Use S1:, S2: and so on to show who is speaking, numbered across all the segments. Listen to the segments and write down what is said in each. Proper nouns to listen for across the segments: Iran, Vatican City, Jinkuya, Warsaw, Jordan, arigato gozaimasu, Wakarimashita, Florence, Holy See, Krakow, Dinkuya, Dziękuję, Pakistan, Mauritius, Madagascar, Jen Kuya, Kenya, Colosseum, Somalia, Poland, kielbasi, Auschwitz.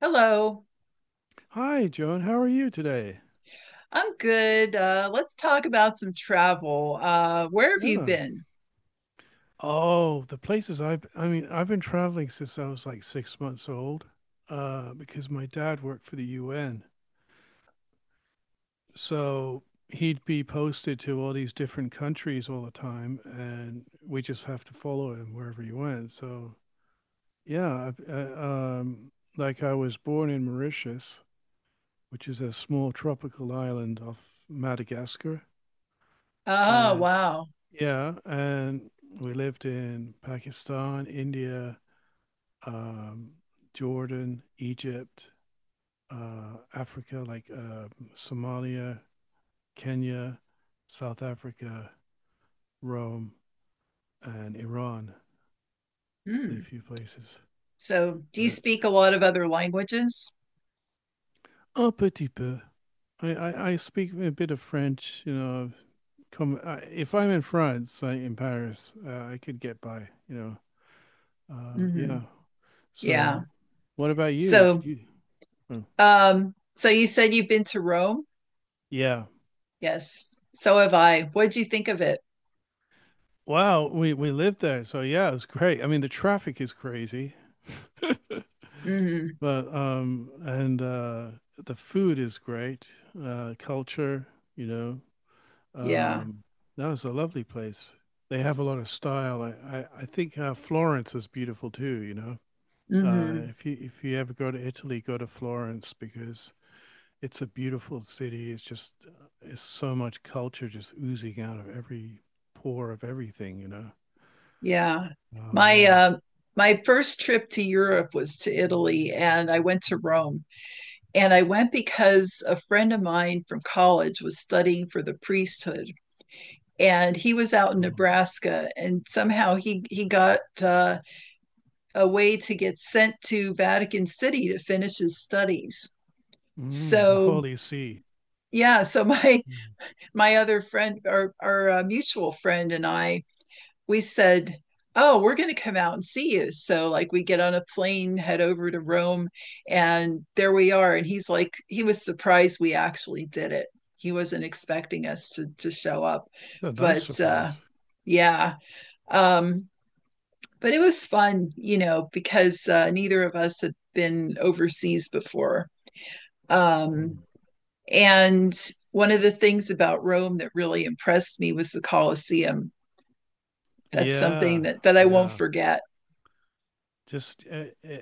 S1: Hello,
S2: Hi, Joan. How are you today?
S1: I'm good. Let's talk about some travel. Where have you
S2: Yeah.
S1: been?
S2: Oh, the places I mean, I've been traveling since I was like 6 months old, because my dad worked for the UN. So he'd be posted to all these different countries all the time, and we just have to follow him wherever he went. So yeah, like I was born in Mauritius, which is a small tropical island off Madagascar.
S1: Oh,
S2: And
S1: wow.
S2: Yeah, and we lived in Pakistan, India, um, Jordan, Egypt, Africa, like Somalia, Kenya, South Africa, Rome, and Iran. Did a
S1: Hmm.
S2: few places,
S1: So, do you
S2: but
S1: speak a lot of other languages?
S2: un petit peu. I speak a bit of French. You know, if I'm in France, in Paris, I could get by. You know, yeah.
S1: Hmm. Yeah.
S2: So, what about you? Could
S1: So,
S2: you? Hmm.
S1: so, you said you've been to Rome?
S2: Yeah.
S1: Yes. So have I. What'd you think of it?
S2: Wow. We lived there, so yeah, it was great. I mean, the traffic is crazy.
S1: Hmm.
S2: But and the food is great. Culture, you know,
S1: Yeah.
S2: um, that was a lovely place. They have a lot of style. I think Florence is beautiful too. You know,
S1: Hmm.
S2: if you ever go to Italy, go to Florence because it's a beautiful city. It's just it's so much culture just oozing out of every pore of everything, you know.
S1: Yeah.
S2: Oh
S1: My
S2: yeah.
S1: uh, my first trip to Europe was to Italy, and I went to Rome. And I went because a friend of mine from college was studying for the priesthood, and he was out in
S2: Oh.
S1: Nebraska, and somehow he got a way to get sent to Vatican City to finish his studies.
S2: Mm, the
S1: So,
S2: Holy See.
S1: yeah, my
S2: Mm.
S1: my other friend, our mutual friend, and I we said, "Oh, we're going to come out and see you." So, like, we get on a plane, head over to Rome, and there we are. And he's like, he was surprised we actually did it. He wasn't expecting us to show up.
S2: It's a nice
S1: But
S2: surprise.
S1: yeah, um, but it was fun, you know, because neither of us had been overseas before. Um,
S2: Mm.
S1: and one of the things about Rome that really impressed me was the Colosseum. That's something
S2: Yeah,
S1: that I won't
S2: yeah.
S1: forget.
S2: Just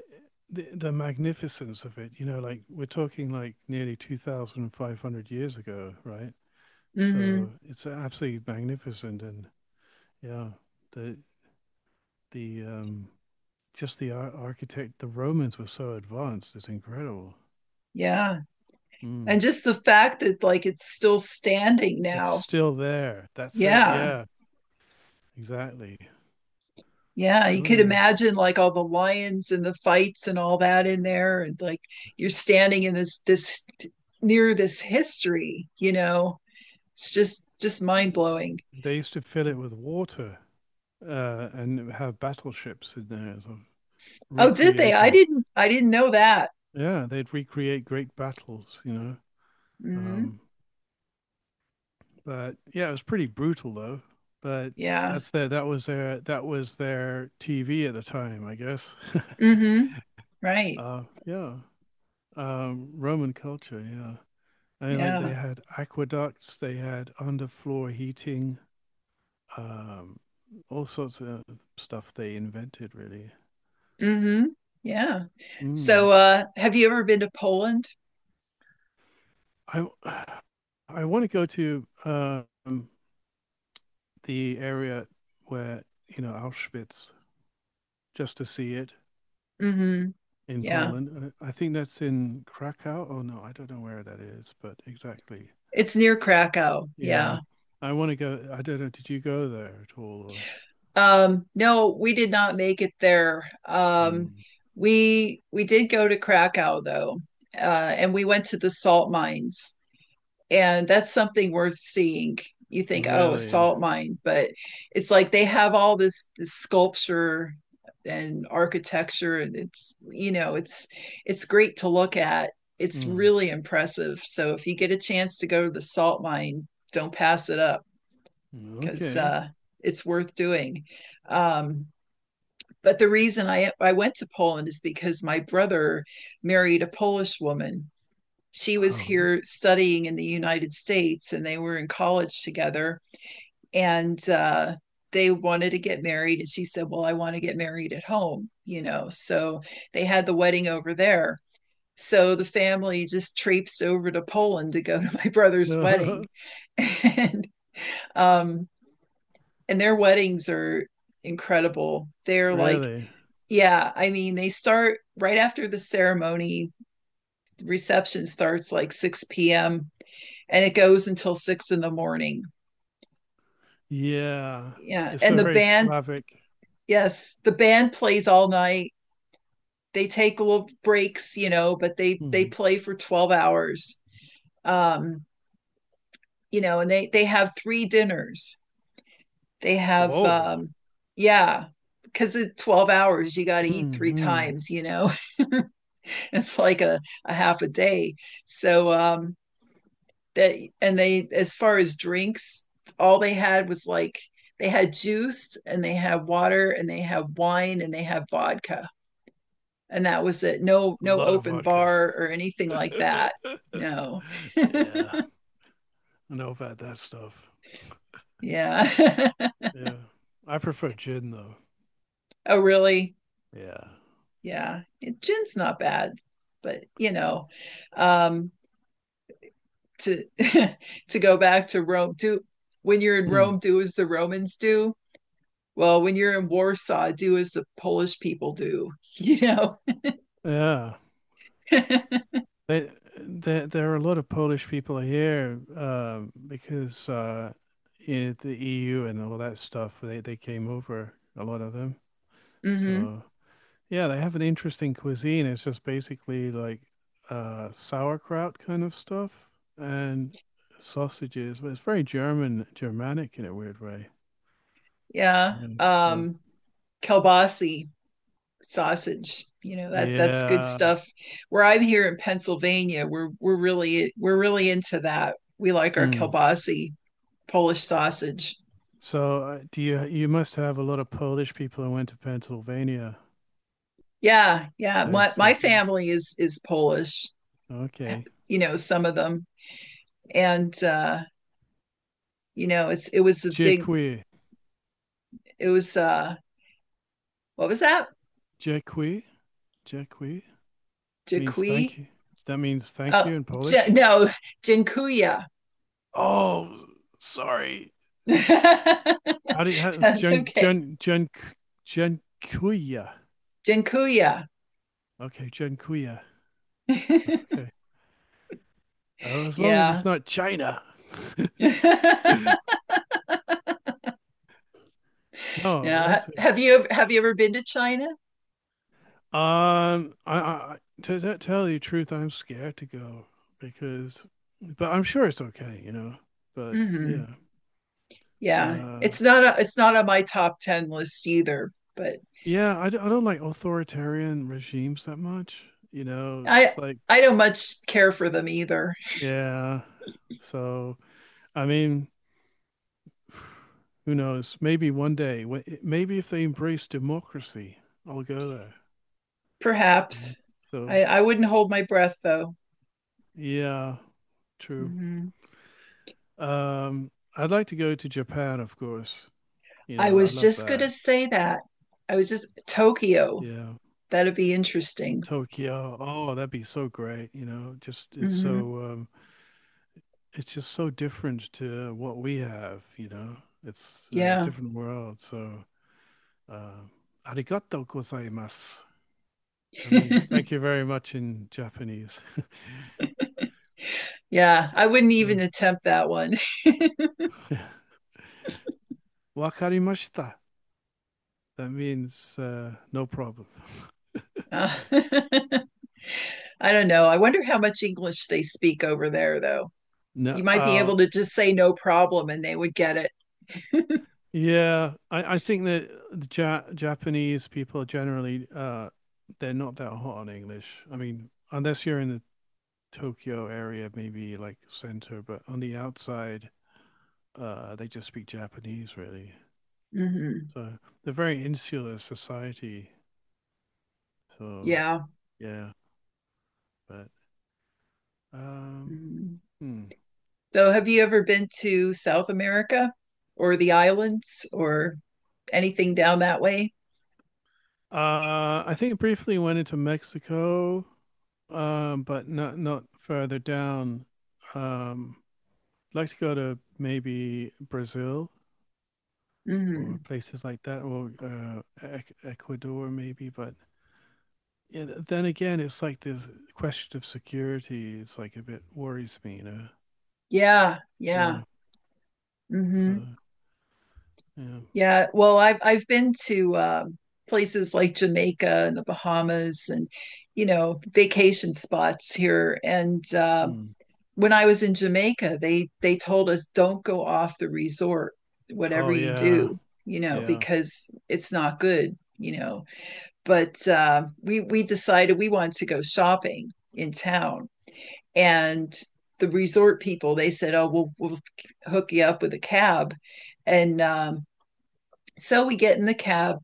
S2: the magnificence of it. You know, like we're talking like nearly 2,500 years ago, right?
S1: Mm-hmm.
S2: So it's absolutely magnificent, and yeah, the the just the architect, the Romans were so advanced. It's incredible.
S1: Yeah. And
S2: Mm.
S1: just the fact that like it's still standing
S2: It's
S1: now.
S2: still there. That's it.
S1: Yeah.
S2: Yeah, exactly.
S1: Yeah. You could
S2: Oh,
S1: imagine like all the lions and the fights and all that in there. And like you're standing in this near this history, you know, it's just
S2: yeah.
S1: mind blowing.
S2: They used to fill it with water and have battleships in there, sort of
S1: Oh, did they? I
S2: recreating.
S1: didn't, I didn't know that.
S2: Yeah, they'd recreate great battles, you know.
S1: Hmm.
S2: Um, but yeah, it was pretty brutal though. But
S1: Yeah.
S2: that was their TV at the time, I guess.
S1: Hmm. Right.
S2: Yeah, Roman culture. Yeah. And like they
S1: Yeah.
S2: had aqueducts, they had underfloor heating, um, all sorts of stuff they invented. Really,
S1: Hmm. Yeah.
S2: mm.
S1: So, have you ever been to Poland?
S2: I I want to go to the area where you know Auschwitz just to see it
S1: Hmm.
S2: in
S1: Yeah.
S2: Poland. I think that's in Krakow. Oh no, I don't know where that is, but exactly.
S1: It's near Krakow. Yeah.
S2: Yeah, I want to go. I don't know. Did you go there at all? Or...
S1: No, we did not make it there.
S2: Mm.
S1: We did go to Krakow, though, and we went to the salt mines, and that's something worth seeing. You think, oh, a
S2: Really?
S1: salt mine, but it's like they have all this sculpture and architecture, and it's great to look at. It's
S2: Mm.
S1: really impressive. So if you get a chance to go to the salt mine, don't pass it up, because
S2: Okay.
S1: it's worth doing. Um, but the reason I went to Poland is because my brother married a Polish woman. She was
S2: Um,
S1: here studying in the United States and they were in college together. And they wanted to get married. And she said, "Well, I want to get married at home, you know." So they had the wedding over there. So the family just traipsed over to Poland to go to my brother's wedding. and um, and their weddings are incredible. They're like,
S2: Really?
S1: yeah, I mean, they start right after the ceremony. Reception starts like 6 p.m. and it goes until 6 in the morning.
S2: Yeah.
S1: Yeah.
S2: It's
S1: And
S2: a
S1: the
S2: very
S1: band,
S2: Slavic.
S1: yes, the band plays all night. They take little breaks, you know, but they
S2: Hmm.
S1: play for 12 hours. Um, you know, and they have three dinners. They have
S2: Whoa.
S1: yeah, because it's 12 hours, you got to eat three
S2: Hmm.
S1: times. It's like a half a day. So that, and they, as far as drinks, all they had was like they had juice, and they had water, and they had wine, and they had vodka, and that was it. No,
S2: A
S1: no
S2: lot of
S1: open
S2: vodka.
S1: bar or anything like that. No.
S2: Yeah. I know about that stuff.
S1: Yeah.
S2: Yeah. I prefer gin though.
S1: Oh, really?
S2: Yeah.
S1: Yeah, gin's not bad. But you know um to to go back to Rome, do when you're in
S2: Hmm.
S1: Rome, do as the Romans do. Well, when you're in Warsaw, do as the Polish people do. you know
S2: Yeah. They, there, there are a lot of Polish people here because in the EU and all that stuff, they came over, a lot of them.
S1: hmm.
S2: So yeah, they have an interesting cuisine. It's just basically like sauerkraut kind of stuff and sausages, but it's very German, Germanic in a weird way.
S1: Yeah.
S2: Uh, So
S1: Kielbasi sausage. You know that that's good
S2: yeah.
S1: stuff. Where I'm here in Pennsylvania, we're really into that. We like our
S2: Hmm.
S1: kielbasi Polish sausage.
S2: So do you must have a lot of Polish people who went to Pennsylvania.
S1: Yeah, yeah.
S2: They
S1: My
S2: sort of
S1: family is Polish.
S2: okay.
S1: You know some of them, and you know, it was a big,
S2: Dziękuję.
S1: it was what was that?
S2: Dziękuję. Dziękuję means thank
S1: Jakui?
S2: you. That means thank
S1: Oh,
S2: you in Polish.
S1: No, Jinkuya.
S2: Oh, sorry. How is
S1: That's
S2: Jen,
S1: okay.
S2: Jen, Jen, Jen Kuya?
S1: Dinkuya.
S2: Okay, Jen Kuya. Okay. As long as
S1: Yeah.
S2: it's not China.
S1: Yeah.
S2: No, that's it.
S1: Have you ever been to China?
S2: I To tell you the truth, I'm scared to go, because, but I'm sure it's okay, you know. But
S1: Hmm.
S2: yeah,
S1: Yeah.
S2: uh,
S1: It's not on my top 10 list either, but
S2: yeah, I don't like authoritarian regimes that much, you know.
S1: I
S2: It's like,
S1: I don't much care for them either.
S2: yeah, so I mean, who knows? Maybe one day, maybe if they embrace democracy, I'll go there. Yeah.
S1: Perhaps.
S2: So,
S1: I wouldn't hold my breath, though.
S2: yeah, true.
S1: Hmm.
S2: Um, I'd like to go to Japan, of course. You
S1: I
S2: know, I
S1: was
S2: love
S1: just going
S2: that.
S1: to say that. I was just Tokyo,
S2: Yeah.
S1: that'd be interesting.
S2: Tokyo. Oh, that'd be so great. You know, just it's
S1: Hmm.
S2: so it's just so different to what we have. You know, it's a
S1: Yeah.
S2: different world. So, uh, arigato gozaimasu. That means thank you very much in Japanese.
S1: Yeah, I wouldn't
S2: So,
S1: even attempt that one.
S2: Wakarimashita. That means no problem.
S1: Uh, I don't know. I wonder how much English they speak over there, though.
S2: No,
S1: You might be able to just say no problem and they would get it.
S2: yeah, I think that the ja Japanese people generally they're not that hot on English. I mean, unless you're in the Tokyo area, maybe like center, but on the outside, they just speak Japanese really.
S1: Hmm.
S2: So they're very insular society. So
S1: Yeah.
S2: yeah, but um,
S1: Mhm.
S2: hmm.
S1: So have you ever been to South America or the islands or anything down that way?
S2: I think it briefly went into Mexico, but not further down. Um, I'd like to go to maybe Brazil or
S1: Hmm.
S2: places like that, or Ecuador maybe. But yeah, then again, it's like this question of security. It's like a bit worries me, you know.
S1: Yeah,
S2: Yeah.
S1: yeah.
S2: So
S1: Hmm.
S2: yeah.
S1: Yeah. Well, I've been to places like Jamaica and the Bahamas and, vacation spots here. And
S2: Mm.
S1: when I was in Jamaica, they told us don't go off the resort, whatever
S2: Oh
S1: you
S2: yeah.
S1: do, you know,
S2: Yeah.
S1: because it's not good. But we decided we wanted to go shopping in town, and the resort people they said, oh, we'll hook you up with a cab, and so we get in the cab,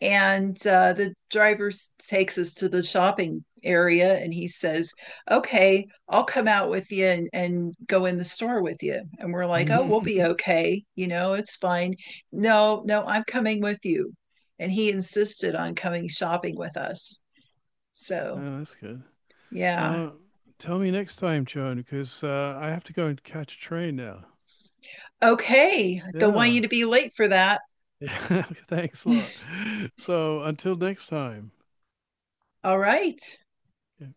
S1: and the driver takes us to the shopping area, and he says, "Okay, I'll come out with you, and, go in the store with you." And we're like, "Oh, we'll be okay. You know, it's fine." "No, no, I'm coming with you." And he insisted on coming shopping with us. So,
S2: Oh, that's good.
S1: yeah.
S2: Uh, Tell me next time, Joan, because I have to go and catch a train now.
S1: Okay. Don't want
S2: Yeah.
S1: you to be late for that.
S2: Yeah. Thanks a lot. So until next time.
S1: All right.
S2: Yeah.